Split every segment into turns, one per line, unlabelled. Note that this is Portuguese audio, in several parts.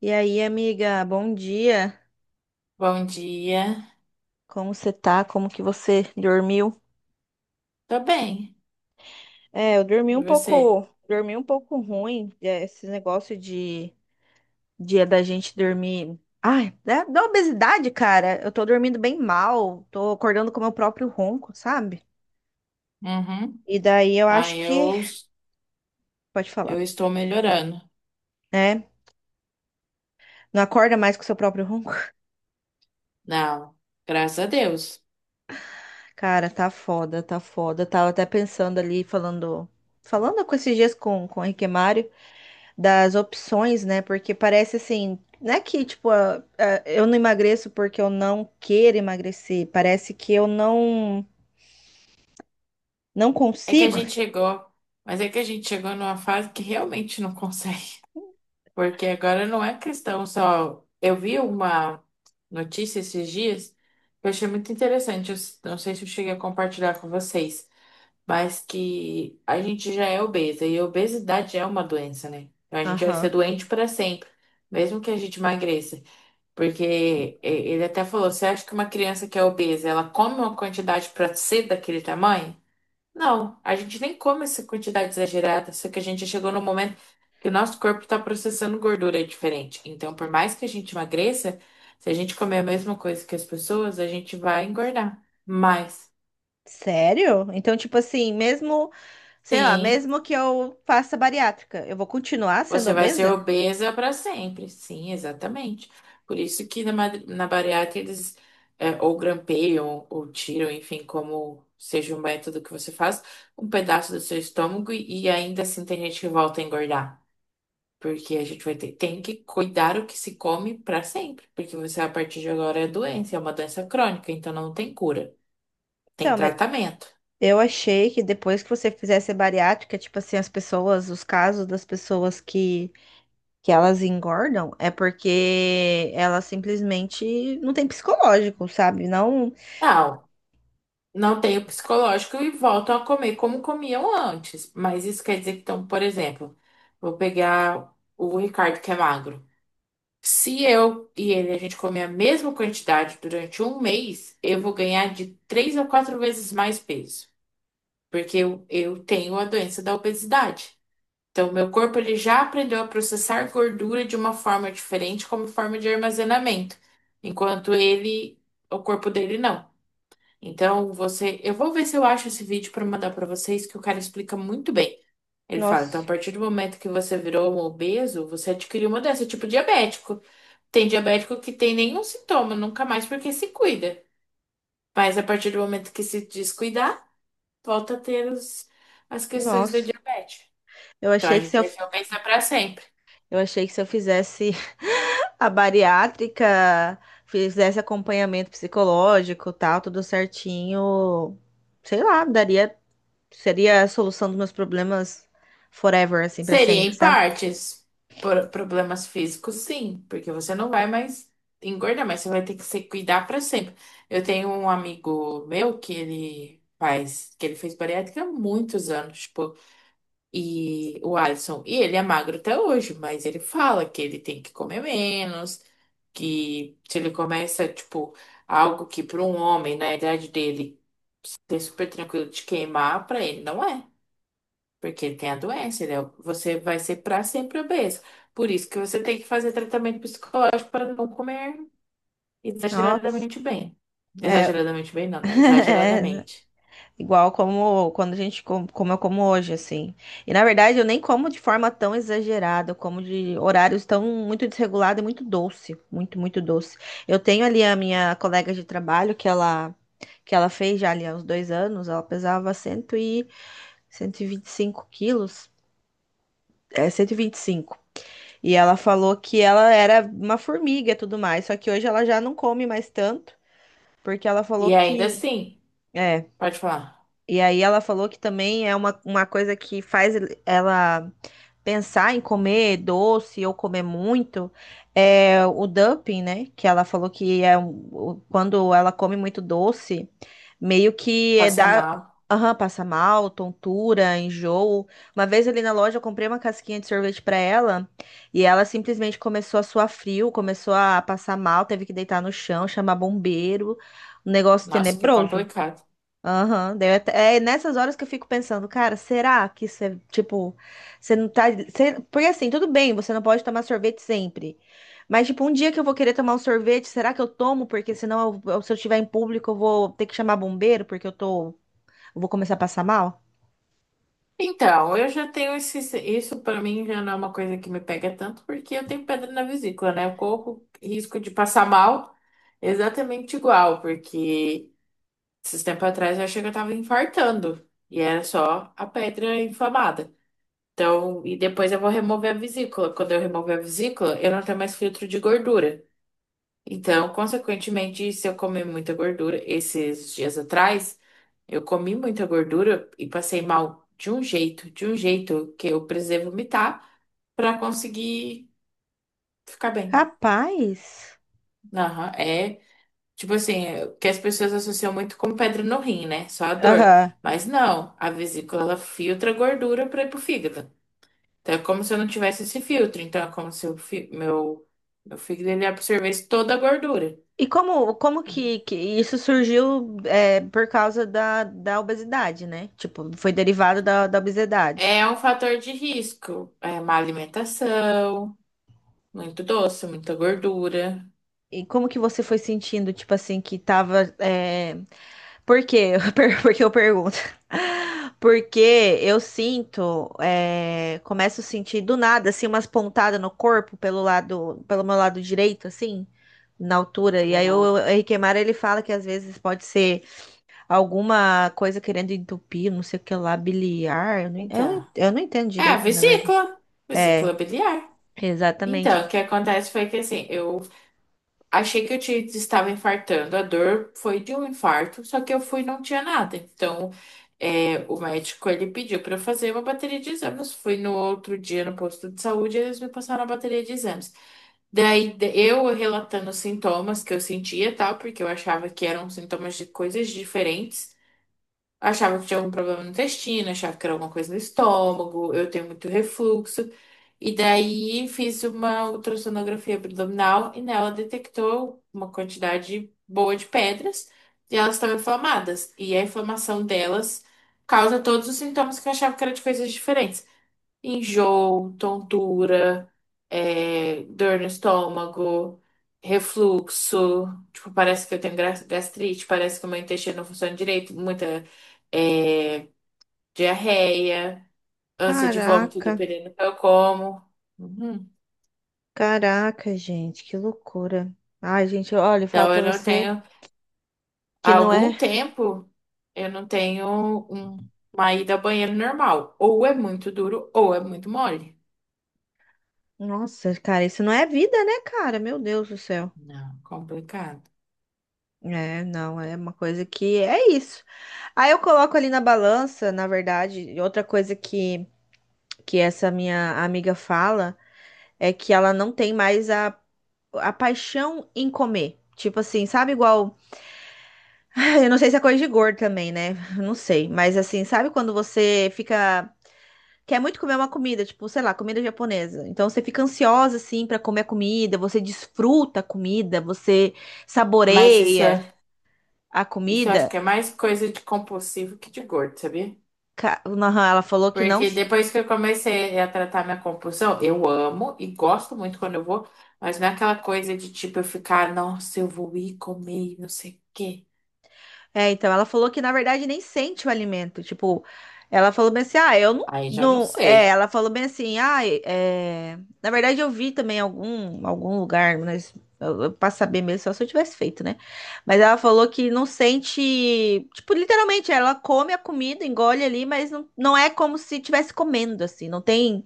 E aí, amiga, bom dia.
Bom dia.
Como você tá? Como que você dormiu?
Tô bem.
É, eu
E você?
dormi um pouco ruim. É, esse negócio de dia da gente dormir. Ai, da obesidade, cara. Eu tô dormindo bem mal, tô acordando com o meu próprio ronco, sabe?
Uhum.
E daí eu
Ah,
acho que.
eu,
Pode
eu
falar,
estou melhorando.
né? Não acorda mais com o seu próprio ronco?
Não, graças a Deus.
Cara, tá foda, tá foda. Tava até pensando ali, falando. Falando com esses dias com o Henrique Mário. Das opções, né? Porque parece assim, não é que tipo, eu não emagreço porque eu não quero emagrecer, parece que eu não
É que a
consigo.
gente chegou, mas é que a gente chegou numa fase que realmente não consegue. Porque agora não é questão só. Eu vi uma notícia esses dias que eu achei muito interessante. Não sei se eu cheguei a compartilhar com vocês, mas que a gente já é obesa e a obesidade é uma doença, né? Então a gente vai ser
Aham.
doente para sempre, mesmo que a gente emagreça. Ele até falou: você acha que uma criança que é obesa, ela come uma quantidade para ser daquele tamanho? Não, a gente nem come essa quantidade exagerada, só que a gente chegou no momento que o nosso corpo está processando gordura diferente. Então, por mais que a gente emagreça, se a gente comer a mesma coisa que as pessoas, a gente vai engordar. Mas,
Sério? Então, tipo assim, mesmo, sei lá,
sim.
mesmo que eu faça bariátrica, eu vou continuar sendo
Você vai ser
obesa?
obesa para sempre. Sim, exatamente. Por isso que na bariátrica eles ou grampeiam ou tiram, enfim, como seja o método que você faz, um pedaço do seu estômago e ainda assim tem gente que volta a engordar. Porque a gente vai tem que cuidar o que se come para sempre. Porque você, a partir de agora, é doença, é uma doença crônica, então não tem cura. Tem
Então, mas
tratamento.
eu achei que depois que você fizesse a bariátrica, tipo assim, as pessoas, os casos das pessoas que elas engordam é porque elas simplesmente não têm psicológico, sabe? Não.
Não, não tem o psicológico e voltam a comer como comiam antes. Mas isso quer dizer que, então, por exemplo, vou pegar o Ricardo que é magro. Se eu e ele a gente comer a mesma quantidade durante um mês, eu vou ganhar de três a quatro vezes mais peso, porque eu tenho a doença da obesidade. Então, meu corpo ele já aprendeu a processar gordura de uma forma diferente, como forma de armazenamento, enquanto ele, o corpo dele não. Então, eu vou ver se eu acho esse vídeo para mandar para vocês, que o cara explica muito bem. Ele fala, então, a
Nossa,
partir do momento que você virou um obeso, você adquiriu uma doença, tipo diabético. Tem diabético que tem nenhum sintoma, nunca mais, porque se cuida. Mas a partir do momento que se descuidar, volta a ter as questões da
nossa.
diabetes.
Eu
Então, a
achei que se
gente
eu,
vai ser obesa para sempre.
eu achei que se eu fizesse a bariátrica, fizesse acompanhamento psicológico, tal, tudo certinho, sei lá, daria, seria a solução dos meus problemas forever, assim, pra
Seria
sempre,
em
sabe?
partes. Por problemas físicos, sim, porque você não vai mais engordar, mas você vai ter que se cuidar para sempre. Eu tenho um amigo meu que ele fez bariátrica há muitos anos, tipo, e o Alisson, e ele é magro até hoje, mas ele fala que ele tem que comer menos, que se ele começa, tipo, algo que para um homem na idade dele é super tranquilo de queimar, para ele não é. Porque ele tem a doença, você vai ser para sempre obeso. Por isso que você tem que fazer tratamento psicológico para não comer
Nossa,
exageradamente bem.
é,
Exageradamente bem, não, né? Exageradamente.
Igual como quando a gente como eu como hoje, assim. E na verdade eu nem como de forma tão exagerada, eu como de horários tão muito desregulado e muito doce, muito, muito doce. Eu tenho ali a minha colega de trabalho que ela fez já ali há uns dois anos, ela pesava 100 e cento e vinte e cinco quilos. É, cento e vinte e cinco. E ela falou que ela era uma formiga e tudo mais, só que hoje ela já não come mais tanto, porque ela falou
E ainda
que
assim,
é.
pode falar,
E aí ela falou que também é uma coisa que faz ela pensar em comer doce ou comer muito, é o dumping, né? Que ela falou que é quando ela come muito doce, meio que é
passa
dá,
mal.
aham, passa mal, tontura, enjoo. Uma vez ali na loja eu comprei uma casquinha de sorvete para ela e ela simplesmente começou a suar frio, começou a passar mal, teve que deitar no chão, chamar bombeiro, um negócio
Nossa, que
tenebroso.
complicado.
Aham, é nessas horas que eu fico pensando, cara, será que isso é, tipo, você não tá, você- porque assim, tudo bem, você não pode tomar sorvete sempre, mas tipo, um dia que eu vou querer tomar um sorvete, será que eu tomo? Porque senão, se eu estiver em público, eu vou ter que chamar bombeiro, porque eu tô, eu vou começar a passar mal?
Então, eu já tenho isso para mim já não é uma coisa que me pega tanto, porque eu tenho pedra na vesícula, né? Eu corro risco de passar mal exatamente igual, porque. Esses tempos atrás eu achei que eu tava infartando. E era só a pedra inflamada. Então, e depois eu vou remover a vesícula. Quando eu remover a vesícula, eu não tenho mais filtro de gordura. Então, consequentemente, se eu comer muita gordura, esses dias atrás, eu comi muita gordura e passei mal de um jeito que eu precisei vomitar pra conseguir ficar bem.
Capaz.
Aham. É, tipo assim, que as pessoas associam muito com pedra no rim, né? Só a dor.
Aham.
Mas não, a vesícula ela filtra a gordura para ir pro fígado. Então é como se eu não tivesse esse filtro. Então é como se o meu fígado ele absorvesse toda a gordura.
E como, como que isso surgiu é, por causa da obesidade, né? Tipo, foi derivado da obesidade.
É um fator de risco. É má alimentação, muito doce, muita gordura.
E como que você foi sentindo, tipo assim, que tava. É... Por quê? Por que eu pergunto? Porque eu sinto, é, começo a sentir do nada, assim, umas pontadas no corpo pelo lado, pelo meu lado direito, assim, na altura. E aí
Ah,
o Henrique Mara, ele fala que às vezes pode ser alguma coisa querendo entupir, não sei o que lá, biliar. Eu não, eu não
então.
eu não entendo
É a
direito, na verdade.
vesícula,
É,
vesícula biliar.
exatamente.
Então, o que acontece foi que assim, eu achei que eu estava infartando. A dor foi de um infarto, só que eu fui e não tinha nada. Então, o médico ele pediu para eu fazer uma bateria de exames. Fui no outro dia no posto de saúde e eles me passaram a bateria de exames. Daí, eu relatando os sintomas que eu sentia, tal, porque eu achava que eram sintomas de coisas diferentes. Achava que tinha algum problema no intestino, achava que era alguma coisa no estômago, eu tenho muito refluxo. E daí fiz uma ultrassonografia abdominal e nela detectou uma quantidade boa de pedras e elas estão inflamadas. E a inflamação delas causa todos os sintomas que eu achava que era de coisas diferentes. Enjoo, tontura, dor no estômago, refluxo. Tipo, parece que eu tenho gastrite, parece que o meu intestino não funciona direito, muita é, diarreia, ânsia de vômito,
Caraca.
dependendo do que eu como. Uhum.
Caraca, gente, que loucura. Ai, gente, olha, eu falo
Então,
pra
eu não
você
tenho. Há
que não
algum
é.
tempo, eu não tenho um- uma ida ao banheiro normal. Ou é muito duro, ou é muito mole.
Nossa, cara, isso não é vida, né, cara? Meu Deus do céu.
Não, complicado.
É, não, é uma coisa que é isso. Aí eu coloco ali na balança, na verdade, e outra coisa que essa minha amiga fala é que ela não tem mais a paixão em comer. Tipo assim, sabe igual. Eu não sei se é coisa de gordo também, né? Não sei. Mas assim, sabe quando você fica. Quer muito comer uma comida, tipo, sei lá, comida japonesa. Então você fica ansiosa assim pra comer a comida, você desfruta a comida, você
Mas isso.
saboreia
É,
a
isso eu acho
comida.
que é mais coisa de compulsivo que de gordo, sabia?
Ela falou que não.
Porque depois que eu comecei a tratar minha compulsão, eu amo e gosto muito quando eu vou, mas não é aquela coisa de tipo eu ficar, nossa, eu vou ir comer e não sei o quê.
É, então, ela falou que na verdade nem sente o alimento. Tipo, ela falou bem assim: ah, eu não.
Aí já não
não... é,
sei.
ela falou bem assim: ah, é... Na verdade eu vi também algum lugar, mas pra saber mesmo, só se eu tivesse feito, né? Mas ela falou que não sente. Tipo, literalmente, ela come a comida, engole ali, mas não, não é como se estivesse comendo, assim. Não tem,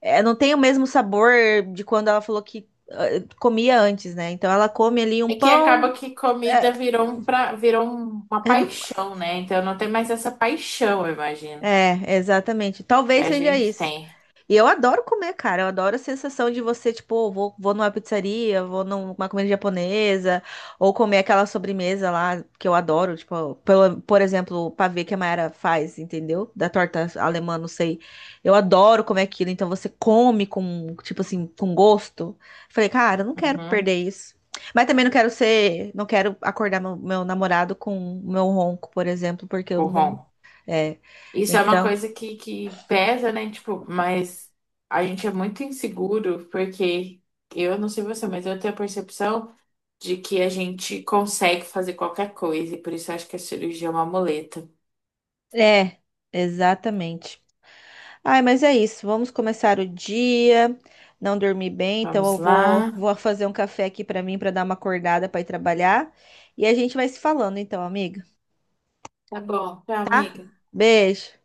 é, não tem o mesmo sabor de quando ela falou que comia antes, né? Então ela come ali um
É que
pão.
acaba que
É,
comida virou um pra... uma
é.
paixão, né? Então não tem mais essa paixão, eu imagino,
É, exatamente.
que
Talvez
a
seja
gente
isso.
tem.
E eu adoro comer, cara. Eu adoro a sensação de você, tipo, vou numa pizzaria, vou numa comida japonesa, ou comer aquela sobremesa lá que eu adoro, tipo, pelo, por exemplo, o pavê que a Mayara faz, entendeu? Da torta alemã, não sei. Eu adoro comer aquilo, então você come com, tipo assim, com gosto. Falei, cara, eu não quero
Uhum.
perder isso. Mas também não quero ser, não quero acordar meu namorado com meu ronco, por exemplo, porque eu
Com
não, é.
isso é uma
Então,
coisa que pesa, né? Tipo, mas a gente é muito inseguro, porque eu não sei você, mas eu tenho a percepção de que a gente consegue fazer qualquer coisa, e por isso eu acho que a cirurgia é uma muleta.
é, exatamente. Ai, mas é isso. Vamos começar o dia. Não dormi bem, então
Vamos lá.
vou fazer um café aqui pra mim pra dar uma acordada pra ir trabalhar. E a gente vai se falando então, amiga,
Tá bom, tchau,
tá?
amiga.
Beijo.